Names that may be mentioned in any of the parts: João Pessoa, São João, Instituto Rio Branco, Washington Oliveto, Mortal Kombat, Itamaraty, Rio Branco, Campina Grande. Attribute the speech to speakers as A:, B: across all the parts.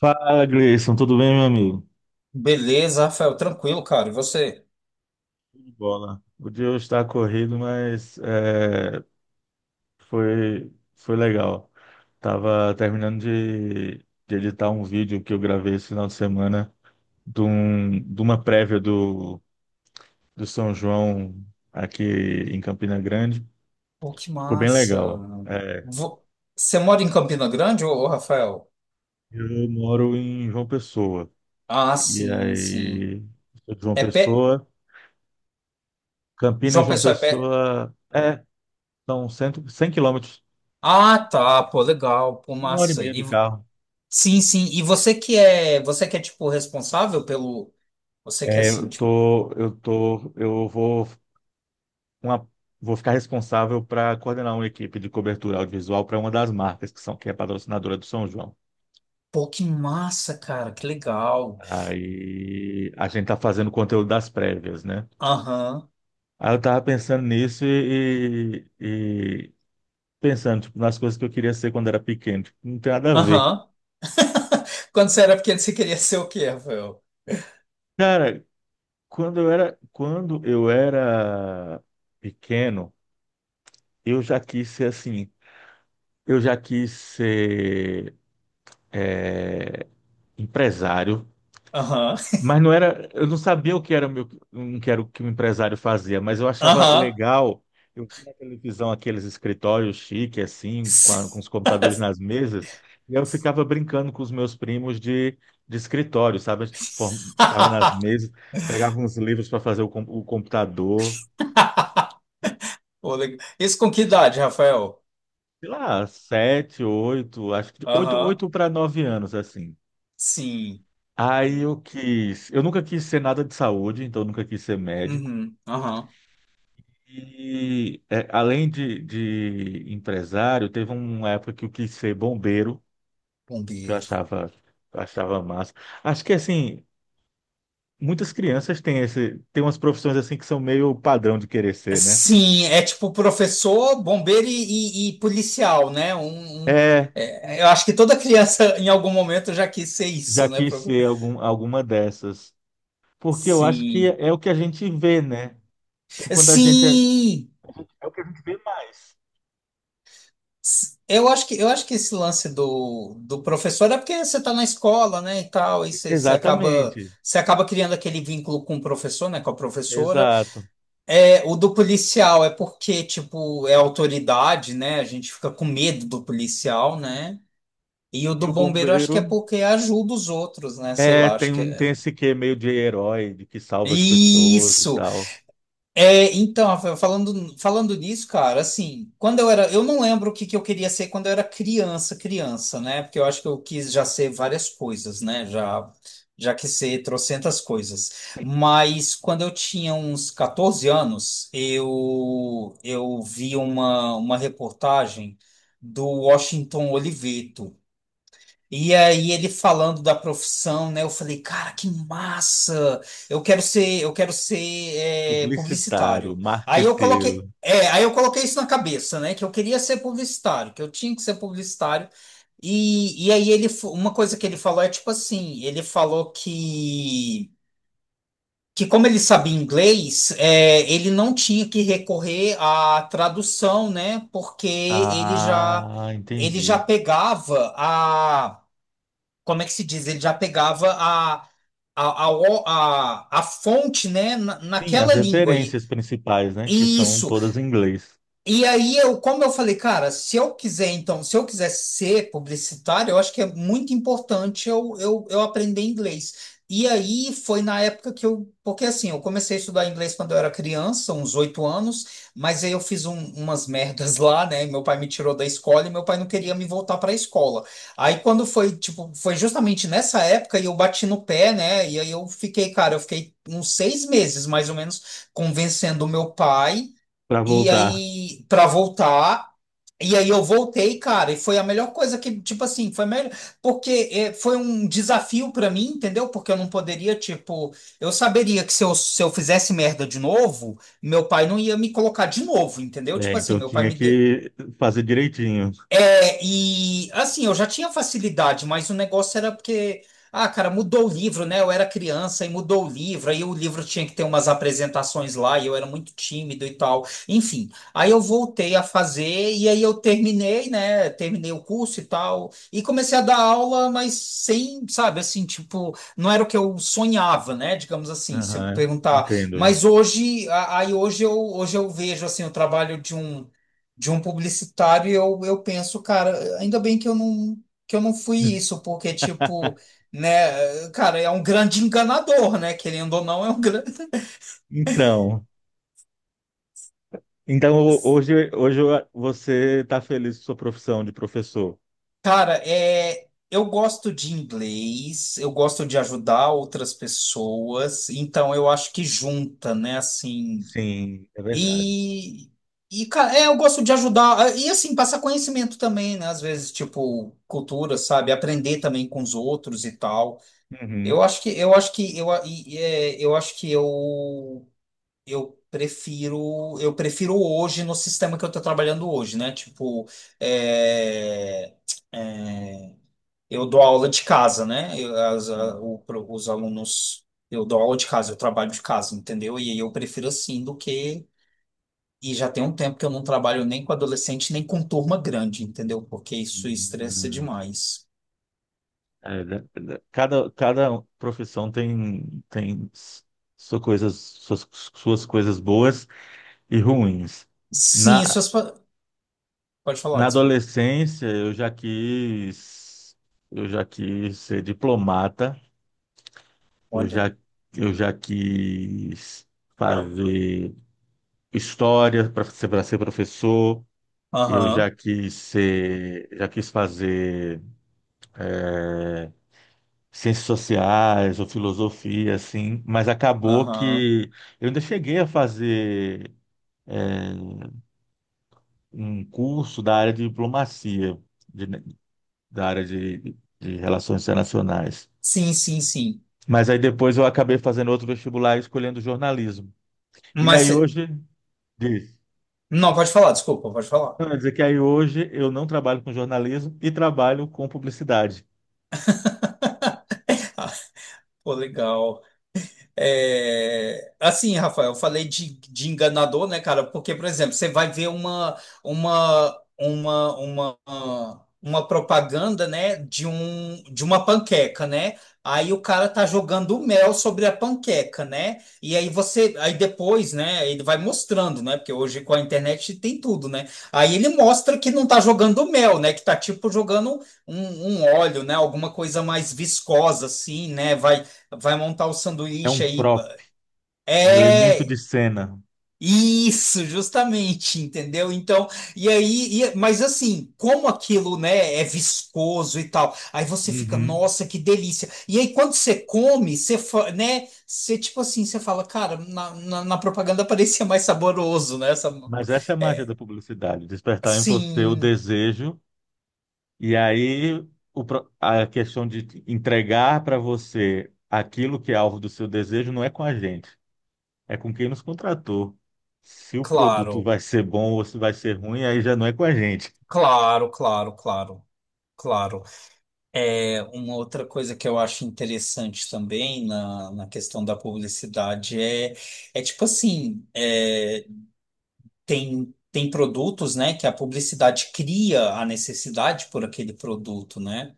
A: Fala, Gleison, tudo bem, meu amigo?
B: Beleza, Rafael, tranquilo, cara. E você?
A: Tudo de Bola. O dia hoje está corrido, mas foi legal. Tava terminando de editar um vídeo que eu gravei esse final de semana de uma prévia do São João aqui em Campina Grande.
B: Pô, que
A: Ficou bem
B: massa.
A: legal. É,
B: Vo- Você mora em Campina Grande, Rafael?
A: eu moro em João Pessoa.
B: Ah,
A: E
B: sim, sim.
A: aí, sou de João
B: É pé.
A: Pessoa, Campinas,
B: João
A: João
B: Pessoa é pé.
A: Pessoa, são 100, 100 quilômetros.
B: Ah, tá, pô, legal, pô,
A: Uma hora e
B: massa.
A: meia
B: E...
A: de
B: vo-
A: carro.
B: Sim, sim. E você que é tipo responsável você que é
A: É, eu
B: assim, tipo,
A: tô, eu tô, eu vou, uma, vou ficar responsável para coordenar uma equipe de cobertura audiovisual para uma das marcas que é patrocinadora do São João.
B: pô, que massa, cara, que legal.
A: Aí a gente tá fazendo conteúdo das prévias, né?
B: Aham.
A: Aí eu tava pensando nisso e pensando tipo, nas coisas que eu queria ser quando era pequeno. Tipo, não tem nada a ver.
B: Aham. Quando você era pequeno, você queria ser o quê, Rafael?
A: Cara, quando eu era pequeno, eu já quis ser assim. Eu já quis ser empresário,
B: Aham.
A: mas não era, eu não sabia o que era o meu, não que era o que o empresário fazia, mas eu achava
B: Aham.
A: legal. Eu vi na televisão aqueles escritórios chique assim, com os computadores nas mesas, e eu ficava brincando com os meus primos de escritório, sabe? A gente tava nas mesas, pegava uns livros para fazer o computador,
B: Pô, legal. Isso com que idade, Rafael?
A: sei lá, sete, oito, acho que de oito,
B: Aham.
A: 8 para 9 anos assim.
B: Sim.
A: Aí eu quis, eu nunca quis ser nada de saúde, então eu nunca quis ser médico.
B: Uhum. Aham.
A: E é, além de empresário, teve uma época que eu quis ser bombeiro, que
B: Bombeiro.
A: eu achava massa. Acho que assim, muitas crianças têm umas profissões assim que são meio padrão de querer ser, né?
B: Sim, é tipo professor, bombeiro e policial, né? Um-
A: É,
B: é, eu acho que toda criança em algum momento já quis ser isso,
A: já
B: né?
A: quis
B: Pro-
A: ser algum, alguma dessas. Porque eu acho que
B: Sim.
A: é o que a gente vê, né? Então, quando a gente é,
B: Sim!
A: é o que a gente vê mais.
B: S- eu acho que esse lance do professor é porque você está na escola, né, e tal,
A: Exatamente,
B: você acaba criando aquele vínculo com o professor, né, com a professora.
A: exato.
B: É, o do policial é porque, tipo, é autoridade, né? A gente fica com medo do policial, né? E o do
A: E o
B: bombeiro acho que é
A: bombeiro.
B: porque ajuda os outros, né? Sei lá, acho que
A: Tem
B: é.
A: esse quê meio de herói, de que salva as pessoas e
B: Isso!
A: tal.
B: É, então, Rafael, falando nisso, cara, assim, quando eu era, eu não lembro que eu queria ser quando eu era criança, criança, né? Porque eu acho que eu quis já ser várias coisas, né? Já, já quis ser trocentas coisas. Mas quando eu tinha uns 14 anos, eu vi uma reportagem do Washington Oliveto. E aí ele falando da profissão, né? Eu falei, cara, que massa! Eu quero ser
A: Publicitário,
B: publicitário. Aí eu coloquei,
A: marqueteiro.
B: é, aí eu coloquei isso na cabeça, né? Que eu queria ser publicitário, que eu tinha que ser publicitário. E aí ele, fo- uma coisa que ele falou é tipo assim, ele falou que como ele sabia inglês, é, ele não tinha que recorrer à tradução, né? Porque
A: Ah,
B: ele já
A: entendi.
B: pegava a como é que se diz? Ele já pegava a fonte, né,
A: Sim, as
B: naquela língua. E,
A: referências principais, né? Que são
B: isso.
A: todas em inglês.
B: E aí eu, como eu falei, cara, se eu quiser, então, se eu quiser ser publicitário, eu acho que é muito importante eu aprender inglês. E aí foi na época que eu, porque assim, eu comecei a estudar inglês quando eu era criança, uns 8 anos, mas aí eu fiz um- umas merdas lá, né? Meu pai me tirou da escola e meu pai não queria me voltar para a escola. Aí quando foi, tipo, foi justamente nessa época e eu bati no pé, né? E aí eu fiquei, cara, eu fiquei uns 6 meses mais ou menos convencendo o meu pai
A: Para
B: e
A: voltar.
B: aí, pra voltar. E aí eu voltei, cara, e foi a melhor coisa que, tipo assim, foi melhor, porque foi um desafio pra mim, entendeu? Porque eu não poderia, tipo, eu saberia que se eu fizesse merda de novo, meu pai não ia me colocar de novo, entendeu?
A: É,
B: Tipo assim,
A: então
B: meu pai
A: tinha
B: me deu,
A: que fazer direitinho.
B: é, e assim, eu já tinha facilidade, mas o negócio era porque, ah, cara, mudou o livro, né? Eu era criança e mudou o livro, aí o livro tinha que ter umas apresentações lá, e eu era muito tímido e tal. Enfim, aí eu voltei a fazer, e aí eu terminei, né? Terminei o curso e tal, e comecei a dar aula, mas sem, sabe, assim, tipo, não era o que eu sonhava, né? Digamos assim, se eu
A: Aham,
B: perguntar.
A: entendo.
B: Mas hoje, a- hoje eu vejo, assim, o trabalho de um publicitário e eu penso, cara, ainda bem que eu não fui isso, porque tipo, né, cara, é um grande enganador, né? Querendo ou não, é um grande.
A: Então, então, hoje, você está feliz com sua profissão de professor?
B: Cara, é eu gosto de inglês, eu gosto de ajudar outras pessoas, então eu acho que junta, né, assim.
A: Sim, é verdade.
B: E cara, é, eu gosto de ajudar. E, assim, passar conhecimento também, né? Às vezes, tipo, cultura, sabe? Aprender também com os outros e tal.
A: Uhum.
B: Eu acho que eu acho que eu, e- é, eu acho que eu eu prefiro hoje no sistema que eu estou trabalhando hoje, né? Tipo, é, eu dou aula de casa, né? Os alunos eu dou aula de casa, eu trabalho de casa, entendeu? E aí eu prefiro assim do que e já tem um tempo que eu não trabalho nem com adolescente nem com turma grande, entendeu? Porque isso estressa
A: Sim.
B: demais.
A: É, cada, cada profissão tem, tem sua coisas, suas, suas coisas boas e ruins.
B: Sim,
A: Na,
B: isso é- pode falar,
A: na
B: desculpa.
A: adolescência, eu já quis ser diplomata, eu
B: Olha.
A: já, eu já quis fazer história para ser professor, eu
B: Aham,
A: já quis ser, já quis fazer ciências sociais ou filosofia, assim, mas acabou
B: aham.
A: que eu ainda cheguei a fazer um curso da área de diplomacia, de- da área de relações internacionais.
B: Sim, sim, sim.
A: Mas aí depois eu acabei fazendo outro vestibular e escolhendo jornalismo. E
B: Mas
A: aí
B: você...
A: hoje, diz,
B: Não, pode falar, desculpa, pode falar.
A: não, quer dizer que aí hoje eu não trabalho com jornalismo e trabalho com publicidade.
B: Ah, pô, legal. É, assim, Rafael, eu falei de enganador, né, cara? Porque, por exemplo, você vai ver uma, uma, uma, uma propaganda, né, de uma panqueca, né? Aí o cara tá jogando mel sobre a panqueca, né? E aí você, aí depois, né, ele vai mostrando, né? Porque hoje com a internet tem tudo, né? Aí ele mostra que não tá jogando mel, né? Que tá tipo jogando um óleo, né? Alguma coisa mais viscosa, assim, né? Vai Vai montar o
A: É um
B: sanduíche aí. Ba-
A: prop, é um elemento
B: É,
A: de cena.
B: isso, justamente, entendeu? Então, e aí, e- mas assim, como aquilo, né, é viscoso e tal, aí você fica,
A: Uhum.
B: nossa, que delícia. E aí, quando você come, você, fa- né, você tipo assim, você fala, cara, na propaganda parecia mais saboroso, né? Essa,
A: Mas essa é a magia
B: é,
A: da publicidade, despertar em você o
B: assim,
A: desejo. E aí a questão de entregar para você aquilo que é alvo do seu desejo não é com a gente, é com quem nos contratou. Se o produto
B: claro,
A: vai ser bom ou se vai ser ruim, aí já não é com a gente.
B: claro, claro, claro, claro. É, uma outra coisa que eu acho interessante também na questão da publicidade é, é tipo assim, é, tem, tem produtos, né, que a publicidade cria a necessidade por aquele produto, né?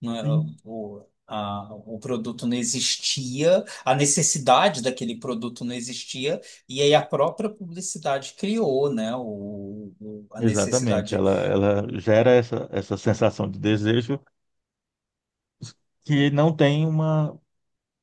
B: Não é-
A: Sim.
B: O, a- o produto não existia, a necessidade daquele produto não existia, e aí a própria publicidade criou, né, a
A: Exatamente,
B: necessidade.
A: ela gera essa, essa sensação de desejo que não tem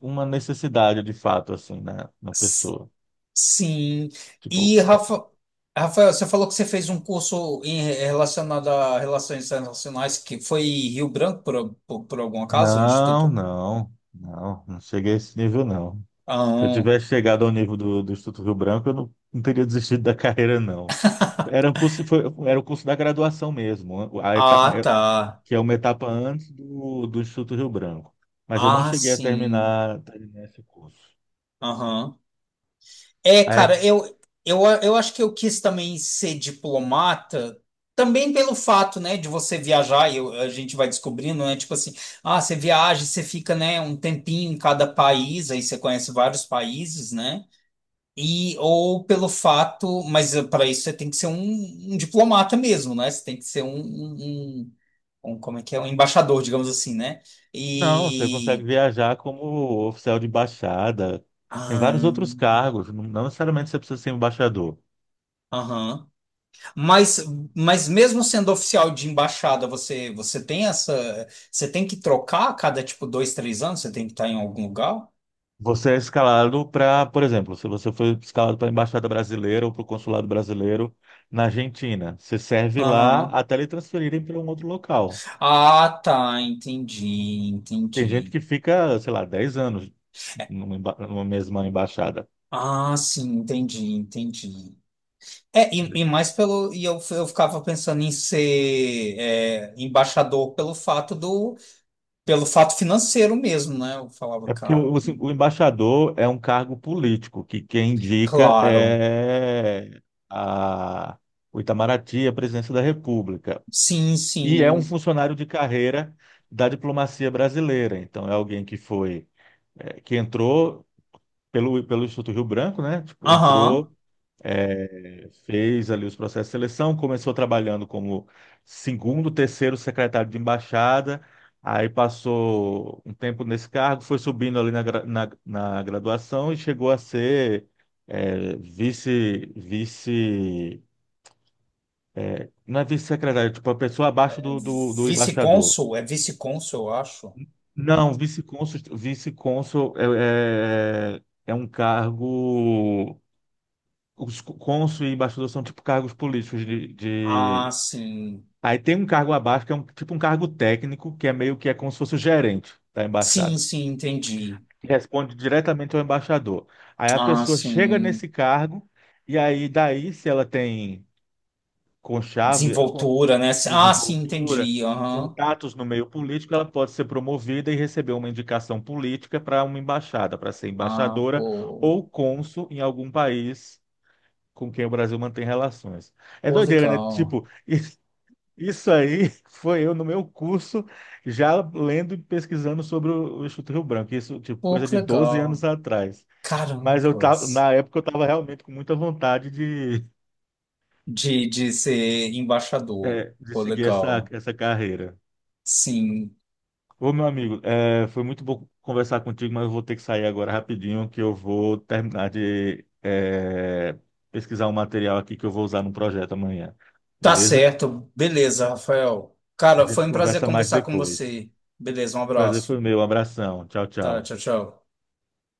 A: uma necessidade de fato assim na, na pessoa.
B: Sim.
A: Tipo,
B: E, Rafa, Rafael, você falou que você fez um curso em, relacionado a relações internacionais que foi em Rio Branco, por algum acaso,
A: não,
B: Instituto?
A: não, não, não cheguei a esse nível, não. Se eu
B: Ah,
A: tivesse chegado ao nível do Instituto Rio Branco, eu não, não teria desistido da carreira, não. Era um curso, foi, era o curso da graduação mesmo,
B: ah, tá.
A: que é uma etapa antes do Instituto Rio Branco. Mas eu não
B: Ah,
A: cheguei a
B: sim.
A: terminar, terminar esse curso.
B: Aham. É,
A: É,
B: cara, eu acho que eu quis também ser diplomata, também pelo fato, né, de você viajar, a gente vai descobrindo, né, tipo assim, ah, você viaja, e você fica, né, um tempinho em cada país, aí você conhece vários países, né? E, ou pelo fato, mas para isso você tem que ser um diplomata mesmo, né? Você tem que ser um- um- como é que é? Um embaixador, digamos assim, né?
A: não, você consegue
B: E.
A: viajar como oficial de embaixada. Tem vários
B: ah,
A: outros cargos, não não necessariamente você precisa ser embaixador.
B: Aham. Mas, mas mesmo sendo oficial de embaixada, você tem essa. Você tem que trocar a cada, tipo, dois, três anos? Você tem que estar em algum lugar?
A: Você é escalado para, por exemplo, se você foi escalado para a Embaixada Brasileira ou para o Consulado Brasileiro na Argentina, você serve lá
B: Aham.
A: até lhe transferirem para um outro local.
B: Ah, tá. Entendi,
A: Tem gente
B: entendi.
A: que fica, sei lá, 10 anos numa mesma embaixada.
B: Ah, sim, entendi, entendi. É,
A: Entendeu?
B: e mais pelo. E eu ficava pensando em ser é, embaixador pelo fato do. Pelo fato financeiro mesmo, né? Eu falava,
A: É porque
B: cara,
A: o, assim,
B: que.
A: o embaixador é um cargo político, que quem indica
B: Claro.
A: é a, o Itamaraty, a presidência da República.
B: Sim,
A: E é um
B: sim.
A: funcionário de carreira da diplomacia brasileira. Então, é alguém que foi é, que entrou pelo Instituto Rio Branco, né? Tipo, entrou,
B: Aham.
A: é, fez ali os processos de seleção, começou trabalhando como segundo, terceiro secretário de embaixada, aí passou um tempo nesse cargo, foi subindo ali na, na graduação e chegou a ser é, não é vice-secretário, tipo, a pessoa abaixo
B: É
A: do embaixador.
B: É vice-cônsul, eu acho.
A: Não, vice-cônsul, vice-cônsul é, é, é um cargo os cônsul e embaixador são tipo cargos políticos
B: Ah, sim.
A: Aí tem um cargo abaixo que é um, tipo um cargo técnico, que é meio que é como se fosse o gerente da
B: Sim,
A: embaixada.
B: sim, entendi.
A: Que responde diretamente ao embaixador. Aí a
B: Ah,
A: pessoa chega
B: sim.
A: nesse cargo e aí daí se ela tem conchave, con-
B: Desenvoltura, né? Ah, sim,
A: desenvoltura,
B: entendi. Aham.
A: contatos no meio político, ela pode ser promovida e receber uma indicação política para uma embaixada, para ser
B: Ah,
A: embaixadora
B: pô.
A: ou cônsul em algum país com quem o Brasil mantém relações. É
B: Pô,
A: doideira, né?
B: legal.
A: Tipo, isso aí foi eu no meu curso, já lendo e pesquisando sobre o Instituto Rio Branco, isso, tipo,
B: Pô,
A: coisa
B: que
A: de 12 anos
B: legal.
A: atrás. Mas eu tava,
B: Carambas.
A: na época eu estava realmente com muita vontade de,
B: De ser embaixador.
A: é, de
B: Pô,
A: seguir essa,
B: legal.
A: essa carreira.
B: Sim.
A: Ô, meu amigo, é, foi muito bom conversar contigo, mas eu vou ter que sair agora rapidinho, que eu vou terminar de pesquisar um material aqui que eu vou usar no projeto amanhã.
B: Tá
A: Beleza?
B: certo. Beleza, Rafael.
A: A
B: Cara, foi
A: gente
B: um prazer
A: conversa mais
B: conversar com
A: depois.
B: você. Beleza, um
A: Prazer foi
B: abraço.
A: meu. Abração. Tchau,
B: Tá,
A: tchau.
B: tchau, tchau.